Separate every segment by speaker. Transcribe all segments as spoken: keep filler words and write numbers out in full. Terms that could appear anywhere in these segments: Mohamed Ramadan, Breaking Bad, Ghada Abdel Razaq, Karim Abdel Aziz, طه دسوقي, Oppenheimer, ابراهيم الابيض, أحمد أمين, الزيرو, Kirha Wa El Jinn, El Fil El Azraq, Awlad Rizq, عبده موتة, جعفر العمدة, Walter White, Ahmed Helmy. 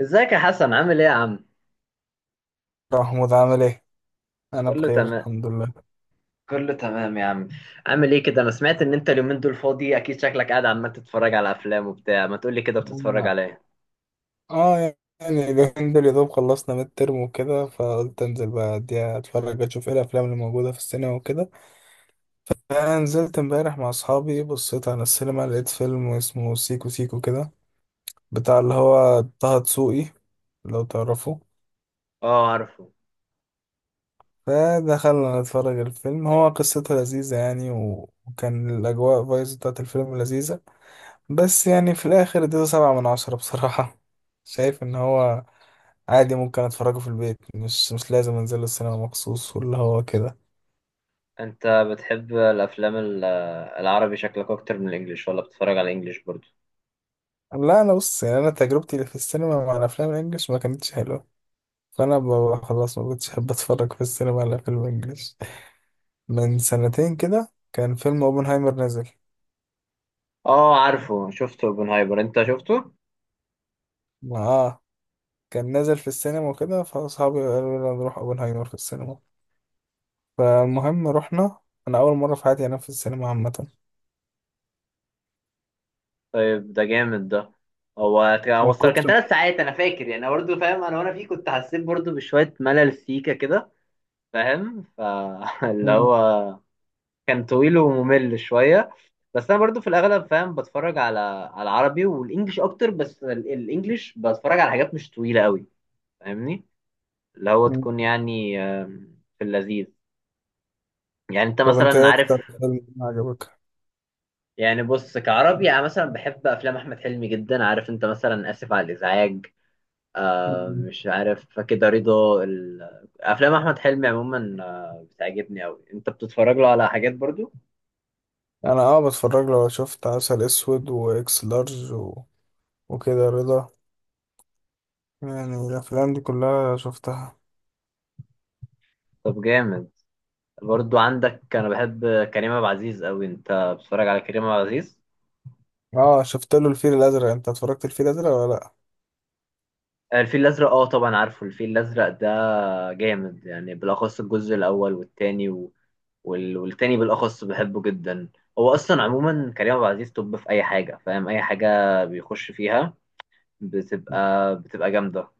Speaker 1: ازيك يا حسن، عامل ايه يا عم؟
Speaker 2: محمود عامل ايه؟ انا
Speaker 1: كله
Speaker 2: بخير
Speaker 1: تمام.
Speaker 2: الحمد لله.
Speaker 1: كله تمام يا عم. عامل ايه كده؟ انا سمعت ان انت اليومين دول فاضي، اكيد شكلك قاعد عمال تتفرج على افلام وبتاع. ما تقولي كده، بتتفرج
Speaker 2: أنا-
Speaker 1: على ايه؟
Speaker 2: اه يعني اليومين دول يا دوب خلصنا ميد ترم وكده، فقلت انزل بقى اديها اتفرج اشوف ايه الافلام اللي موجوده في السينما وكده. فنزلت امبارح مع اصحابي، بصيت على السينما لقيت فيلم اسمه سيكو سيكو كده، بتاع اللي هو طه دسوقي، لو تعرفه.
Speaker 1: اه عارفه.
Speaker 2: فدخلنا نتفرج الفيلم. هو قصته لذيذة يعني، و- وكان الأجواء فايز بتاعت الفيلم لذيذة. بس يعني في الآخر اديته سبعة من عشرة بصراحة. شايف إن هو عادي ممكن اتفرجه في البيت، مش مش لازم انزل السينما مخصوص واللي هو كده.
Speaker 1: انت بتحب الافلام ال- العربي شكلك، اكتر من الانجليش ولا بتتفرج على الانجليش برضو؟
Speaker 2: لا انا بص، يعني انا تجربتي اللي في السينما مع الافلام الانجليش ما كانتش حلوه. فانا ب- خلاص ما كنتش احب اتفرج في السينما على فيلم انجليش. من سنتين كده كان فيلم اوبنهايمر نازل.
Speaker 1: اه عارفه، شفته اوبنهايمر، انت شفته؟
Speaker 2: ما- اه كان نازل في السينما وكده، فاصحابي قالوا لي نروح اوبنهايمر في السينما، فالمهم رحنا. انا اول مره في حياتي انام في السينما عامه،
Speaker 1: طيب ده جامد ده. هو هو
Speaker 2: من
Speaker 1: الصراحة كان
Speaker 2: كتر.
Speaker 1: ثلاث ساعات انا فاكر، يعني برضه فاهم انا، وانا فيه كنت حسيت برضه بشوية ملل سيكا كده، فاهم؟ فاللي
Speaker 2: مم.
Speaker 1: هو كان طويل وممل شويه. بس انا برضو في الاغلب، فاهم، بتفرج على على العربي والانجليش اكتر. بس ال- الانجليش بتفرج على حاجات مش طويله قوي، فاهمني؟ اللي هو
Speaker 2: مم.
Speaker 1: تكون يعني، آم، في اللذيذ. يعني انت
Speaker 2: طب انت
Speaker 1: مثلا
Speaker 2: ايه
Speaker 1: عارف،
Speaker 2: اكتر فيلم عجبك؟
Speaker 1: يعني بص كعربي انا مثلا بحب افلام احمد حلمي جدا، عارف انت مثلا؟ اسف على الازعاج. آه، مش عارف كده، رضا ال- افلام احمد حلمي عموما آه بتعجبني قوي، انت بتتفرج له على حاجات برضو؟
Speaker 2: انا اه بتفرج له، شفت عسل اسود واكس لارج و... وكده، رضا. يعني الافلام دي كلها شفتها.
Speaker 1: طب جامد. برضو عندك، انا بحب كريم عبد العزيز قوي، انت بتتفرج على كريم عبد العزيز؟
Speaker 2: اه شفت له الفيل الازرق. انت اتفرجت الفيل الازرق ولا لا؟
Speaker 1: الفيل الازرق، اه طبعا عارفه، الفيل الازرق ده جامد يعني، بالاخص الجزء الاول والتاني و... وال... والتاني بالاخص بحبه جدا. هو اصلا عموما كريم عبد العزيز طب في اي حاجه، فاهم، اي حاجه بيخش فيها بتبقى بتبقى جامده.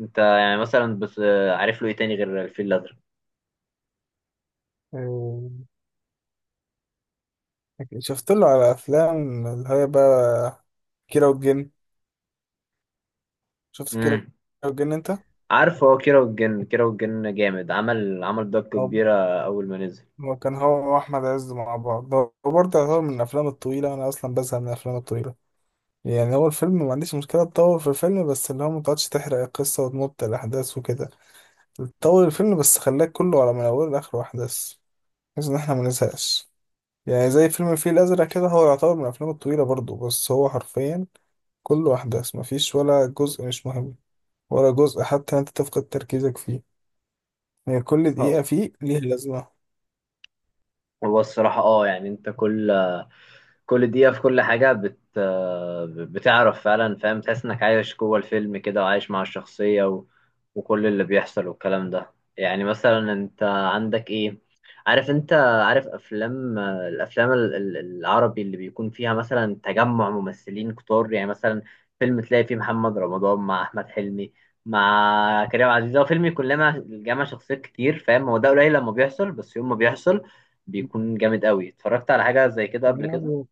Speaker 1: انت يعني مثلا، بس عارف له ايه تاني غير الفيل الازرق؟
Speaker 2: آه، شفت له على افلام اللي هي بقى كيرة والجن. شفت كيرة
Speaker 1: امم.
Speaker 2: والجن انت؟
Speaker 1: عارفه، هو كيرة والجن، كيرة والجن جامد، عمل عمل ضجه
Speaker 2: هو
Speaker 1: كبيره اول ما نزل.
Speaker 2: هو كان هو واحمد عز مع بعض. هو برضه يعتبر من الافلام الطويله، انا اصلا بزهق من الافلام الطويله. يعني هو الفيلم ما عنديش مشكله تطول في الفيلم، بس اللي هو ما تقعدش تحرق القصه وتمط الاحداث وكده. طول الفيلم بس خلاك كله على من اوله لاخره احداث، بحيث ان احنا ما نزهقش. يعني زي فيلم الفيل الازرق كده، هو يعتبر من الافلام الطويله برضه، بس هو حرفيا كله احداث، مفيش ولا جزء مش مهم، ولا جزء حتى انت تفقد تركيزك فيه. يعني كل دقيقه
Speaker 1: أو.
Speaker 2: فيه ليها لازمه.
Speaker 1: هو الصراحة، اه يعني انت كل كل دقيقة في كل حاجة بت بتعرف فعلا، فاهم، تحس انك عايش جوه الفيلم كده، وعايش مع الشخصية و... وكل اللي بيحصل والكلام ده. يعني مثلا انت عندك ايه، عارف انت، عارف افلام الافلام ال- ال- العربي اللي بيكون فيها مثلا تجمع ممثلين كتار، يعني مثلا فيلم تلاقي فيه محمد رمضان مع احمد حلمي مع كريم عبد العزيز، هو فيلم يكون لما جمع شخصيات كتير، فاهم؟ هو ده قليل لما بيحصل، بس يوم ما بيحصل بيكون جامد قوي. اتفرجت على حاجة زي كده قبل كده؟
Speaker 2: يعني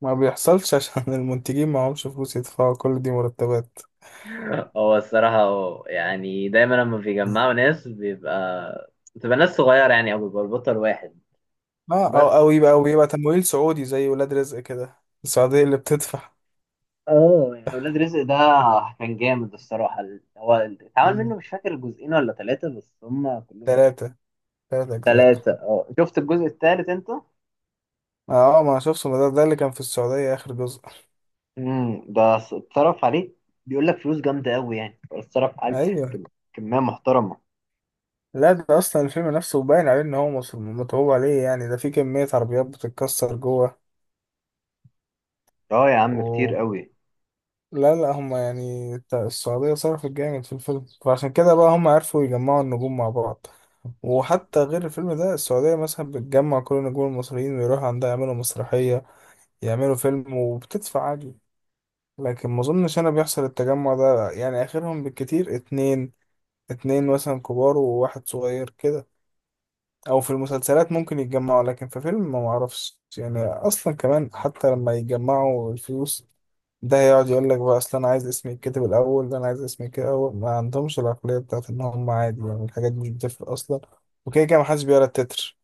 Speaker 2: ما بيحصلش عشان المنتجين معهمش فلوس يدفعوا كل دي مرتبات.
Speaker 1: هو الصراحة، هو يعني دايما لما بيجمعوا ناس بيبقى بتبقى ناس صغيرة يعني، او بيبقى البطل واحد
Speaker 2: اه او او
Speaker 1: بس.
Speaker 2: يبقى او يبقى تمويل سعودي زي ولاد رزق كده، السعوديه اللي بتدفع.
Speaker 1: اه يعني ولاد رزق ده كان جامد الصراحة. ال- هو اتعمل منه
Speaker 2: مم.
Speaker 1: مش فاكر جزئين ولا ثلاثة، بس هم كلهم كانوا
Speaker 2: ثلاثة ثلاثة أجزاء.
Speaker 1: ثلاثة. اه شفت الجزء الثالث انت؟
Speaker 2: اه ما شفته. ما ده, ده اللي كان في السعودية اخر جزء.
Speaker 1: امم ده ص- اتصرف عليه، بيقول لك فلوس جامدة قوي يعني، اتصرف عليه
Speaker 2: ايوه.
Speaker 1: كم- كمية محترمة.
Speaker 2: لا ده اصلا الفيلم نفسه باين عليه ان هو مصر متعوب عليه، يعني ده في كمية عربيات بتتكسر جوه
Speaker 1: اه يا عم كتير
Speaker 2: و
Speaker 1: قوي.
Speaker 2: لا، لا، هم يعني تا- السعودية صرفت جامد في الفيلم، فعشان كده بقى هم عرفوا يجمعوا النجوم مع بعض. وحتى غير الفيلم ده السعودية مثلا بتجمع كل النجوم المصريين ويروحوا عندها يعملوا مسرحية، يعملوا فيلم، وبتدفع عادي. لكن ما اظنش انا بيحصل التجمع ده، يعني اخرهم بالكتير اتنين، اتنين مثلا كبار وواحد صغير كده. او في المسلسلات ممكن يتجمعوا، لكن في فيلم ما معرفش، يعني اصلا كمان حتى لما يجمعوا الفلوس ده هيقعد يقول لك بقى اصل انا عايز اسمي يتكتب الاول، ده انا عايز اسمي كده اول، ما عندهمش العقليه بتاعت ان هم عادي، يعني الحاجات دي مش بتفرق اصلا وكده كده محدش بيقرا التتر.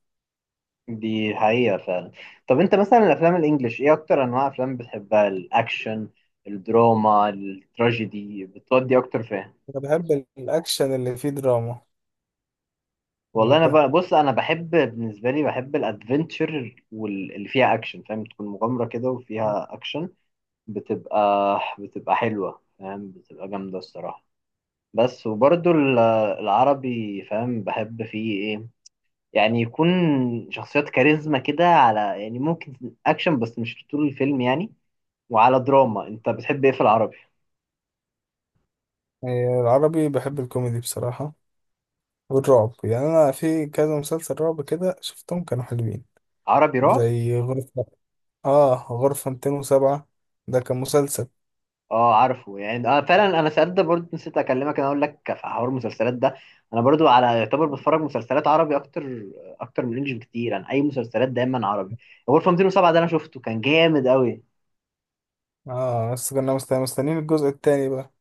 Speaker 1: دي حقيقة فعلا. طب انت مثلا الافلام الانجليش، ايه اكتر انواع افلام بتحبها، الاكشن، الدراما، التراجيدي، بتودي اكتر فين؟
Speaker 2: انا بحب الاكشن اللي فيه دراما.
Speaker 1: والله انا
Speaker 2: وانت؟
Speaker 1: بقى، بص، انا بحب بالنسبة لي، بحب الادفنتشر واللي فيها اكشن، فاهم، تكون مغامرة كده وفيها اكشن، بتبقى بتبقى حلوة، فاهم، بتبقى جامدة الصراحة. بس وبرضو ال- العربي، فاهم، بحب فيه ايه يعني، يكون شخصيات كاريزما كده على، يعني ممكن اكشن بس مش طول الفيلم يعني. وعلى دراما انت بتحب ايه في العربي؟
Speaker 2: إيه، العربي بحب الكوميدي بصراحه، والرعب. يعني انا في كذا مسلسل رعب كده شفتهم كانوا حلوين،
Speaker 1: عربي رعب،
Speaker 2: زي غرفه. اه غرفة مئتان وسبعة ده كان مسلسل.
Speaker 1: اه عارفه، يعني اه فعلا. انا ساعات ده برضه، نسيت اكلمك، انا اقول لك في حوار المسلسلات ده، انا برضه على يعتبر بتفرج مسلسلات عربي اكتر، اكتر من انجلش بكتير، انا اي مسلسلات دايما عربي. غرفه مئتين وسبعة ده انا شفته كان جامد قوي.
Speaker 2: اه بس كنا مست- مستنيين الجزء التاني بقى،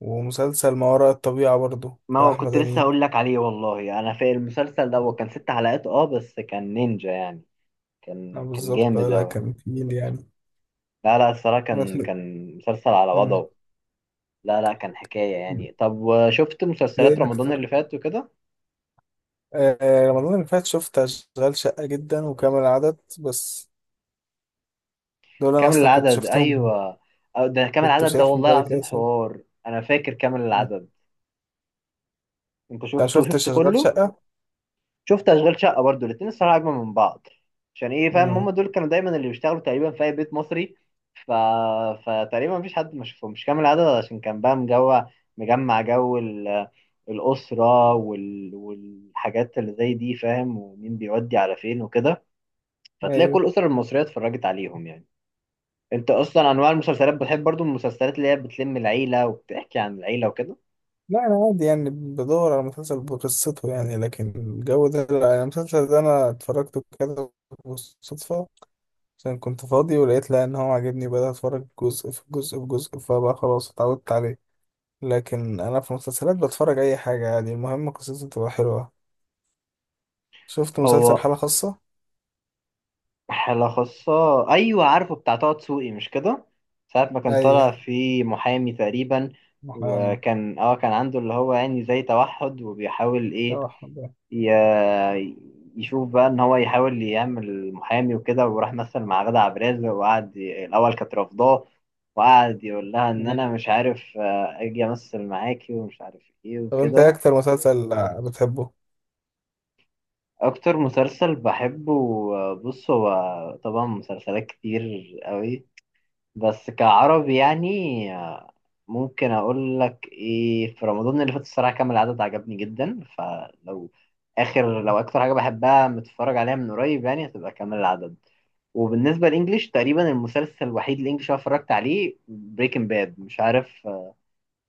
Speaker 2: ومسلسل ما وراء الطبيعة برضو
Speaker 1: ما
Speaker 2: بتاع
Speaker 1: هو
Speaker 2: أحمد
Speaker 1: كنت لسه
Speaker 2: أمين.
Speaker 1: هقول لك عليه، والله. انا في المسلسل ده، هو
Speaker 2: مم.
Speaker 1: كان ست حلقات اه بس كان نينجا يعني.
Speaker 2: اه
Speaker 1: كان كان
Speaker 2: بالظبط. اه
Speaker 1: جامد
Speaker 2: لا
Speaker 1: قوي.
Speaker 2: كان تقيل يعني
Speaker 1: لا لا الصراحه،
Speaker 2: بس.
Speaker 1: كان كان مسلسل على
Speaker 2: مم.
Speaker 1: وضعه. لا لا كان حكايه
Speaker 2: مم.
Speaker 1: يعني. طب شفت مسلسلات
Speaker 2: ايه
Speaker 1: رمضان
Speaker 2: اكتر؟
Speaker 1: اللي فات وكده؟
Speaker 2: آه آه، رمضان اللي فات شفت اشغال شقة جدا وكامل العدد بس. دول انا
Speaker 1: كامل
Speaker 2: اصلا كنت
Speaker 1: العدد
Speaker 2: شفتهم،
Speaker 1: ايوه. أو ده كامل
Speaker 2: كنت
Speaker 1: العدد، ده
Speaker 2: شايفهم
Speaker 1: والله
Speaker 2: بقالي كده
Speaker 1: العظيم
Speaker 2: سنة.
Speaker 1: حوار، انا فاكر كامل
Speaker 2: مم.
Speaker 1: العدد. انت
Speaker 2: انت ما
Speaker 1: شفته، شفت
Speaker 2: شفتش اشغال
Speaker 1: كله؟
Speaker 2: شقة؟
Speaker 1: شفت اشغال شقه برضو، الاتنين الصراحه اجمل من بعض. عشان ايه، فاهم، هم
Speaker 2: مم.
Speaker 1: دول كانوا دايما اللي بيشتغلوا تقريبا في اي بيت مصري، ف... فتقريبا مفيش حد ما شافهمش كامل العدد، عشان كان بقى مجوع مجمع جو ال... الاسره وال... والحاجات اللي زي دي، فاهم، ومين بيودي على فين وكده، فتلاقي
Speaker 2: ايوه.
Speaker 1: كل الاسر المصريه اتفرجت عليهم يعني. انت اصلا انواع المسلسلات بتحب برضو المسلسلات اللي هي بتلم العيله وبتحكي عن العيله وكده؟
Speaker 2: لا انا عادي، يعني بدور على مسلسل بقصته يعني، لكن الجو ده لا. يعني المسلسل ده انا اتفرجته كده بالصدفة، عشان كنت فاضي ولقيت، لا ان هو عاجبني بدأت اتفرج جزء في جزء في جزء، فبقى خلاص اتعودت عليه. لكن انا في مسلسلات بتفرج اي حاجة عادي، المهم قصته تبقى حلوة. شفت مسلسل
Speaker 1: هو
Speaker 2: حالة خاصة.
Speaker 1: حالة خاصة، ايوه عارفه، بتاع طه دسوقي مش كده، ساعة ما كان طالع
Speaker 2: ايوه
Speaker 1: في محامي تقريبا.
Speaker 2: محامي.
Speaker 1: وكان اه كان عنده اللي هو يعني زي توحد، وبيحاول ايه،
Speaker 2: طب
Speaker 1: ي- يشوف بقى ان هو يحاول يعمل محامي وكده، وراح مثل مع غادة عبد الرازق، وقعد ي- الاول كانت رافضاه، وقعد يقول لها ان انا مش عارف آه، اجي امثل معاكي، ومش عارف ايه
Speaker 2: طب انت ايه
Speaker 1: وكده.
Speaker 2: اكتر مسلسل بتحبه؟
Speaker 1: اكتر مسلسل بحبه، بص هو، طبعا مسلسلات كتير قوي، بس كعربي يعني، ممكن اقول لك ايه، في رمضان اللي فات الصراحه كان العدد عجبني جدا. فلو اخر، لو اكتر حاجه بحبها متفرج عليها من قريب يعني، هتبقى كامل العدد. وبالنسبه للانجليش، تقريبا المسلسل الوحيد الانجليش اللي أنا اتفرجت عليه بريكنج باد. مش عارف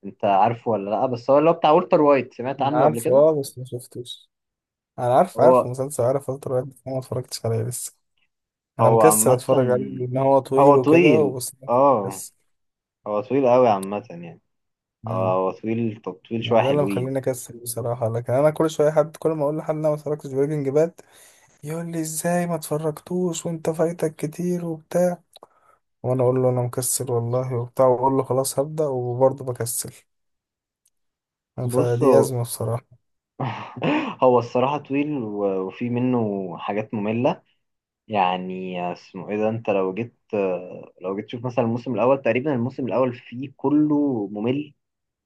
Speaker 1: انت عارفه ولا لا، بس هو اللي هو بتاع والتر وايت، سمعت
Speaker 2: انا
Speaker 1: عنه قبل
Speaker 2: عارفه،
Speaker 1: كده؟
Speaker 2: اه بس ما شفتوش. انا عارف، عارف
Speaker 1: هو
Speaker 2: مسلسل، عارف فترة، بس أنا ما اتفرجتش عليه لسه. انا
Speaker 1: هو
Speaker 2: مكسل
Speaker 1: عامة،
Speaker 2: اتفرج عليه لان هو
Speaker 1: هو
Speaker 2: طويل وكده،
Speaker 1: طويل،
Speaker 2: وبس.
Speaker 1: اه،
Speaker 2: مكسل.
Speaker 1: هو طويل قوي عامة يعني. هو
Speaker 2: مم.
Speaker 1: هو طويل، طب طويل
Speaker 2: ما
Speaker 1: شوية
Speaker 2: ده اللي
Speaker 1: حلوين.
Speaker 2: مخليني اكسل بصراحه. لكن انا كل شويه حد، كل ما اقول لحد انا ما اتفرجتش بريكنج باد يقول لي ازاي ما اتفرجتوش وانت فايتك كتير وبتاع، وانا اقول له انا مكسل والله وبتاع، واقول له خلاص هبدا، وبرضه بكسل. فدي
Speaker 1: بصوا.
Speaker 2: ازمه بصراحه.
Speaker 1: هو الصراحة طويل و- وفي منه حاجات مملة يعني. اسمه ايه ده، انت لو جيت لو جيت تشوف مثلا الموسم الأول، تقريبا الموسم الأول فيه كله ممل،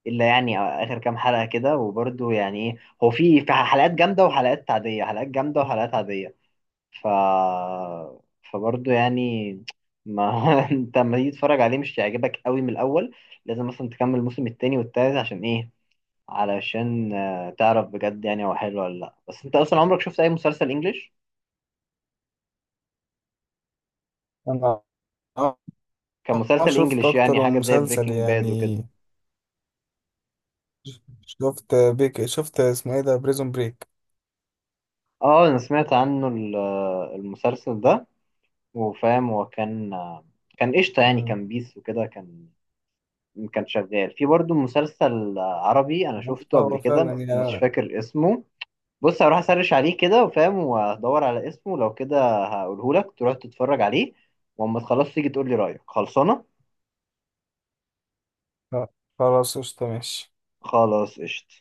Speaker 1: إلا يعني آخر كام حلقة كده، وبرده يعني ايه. هو في في حلقات جامدة وحلقات عادية، حلقات جامدة وحلقات عادية. ف فبرضه يعني، ما انت لما تيجي تتفرج عليه مش هيعجبك قوي من الاول. لازم مثلا تكمل الموسم التاني والتالت، عشان ايه؟ علشان آه، تعرف بجد يعني هو حلو ولا لا. بس انت اصلا عمرك شفت اي مسلسل انجليش
Speaker 2: انا اه آه
Speaker 1: كمسلسل
Speaker 2: شفت
Speaker 1: انجليش، يعني
Speaker 2: اكتر
Speaker 1: حاجه
Speaker 2: من
Speaker 1: زي
Speaker 2: مسلسل
Speaker 1: بريكنج باد وكده؟
Speaker 2: يعني. شفت بيك، شفت اسمه ايه ده بريزون بريك.
Speaker 1: اه انا سمعت عنه ال- آه، المسلسل ده. وفاهم هو كان، آه، كان قشطه يعني،
Speaker 2: مم.
Speaker 1: كان بيس وكده، كان كان شغال في برضه مسلسل آه، عربي انا شفته قبل
Speaker 2: هو فعلا
Speaker 1: كده، مش
Speaker 2: يا.
Speaker 1: فاكر اسمه. بص هروح اسرش عليه كده، وفاهم، وهدور على اسمه، لو كده هقوله لك تروح تتفرج عليه. واما تخلص تيجي تقول لي رايك، خلصانه.
Speaker 2: خلاص قشطة ماشي.
Speaker 1: خلاص قشطه.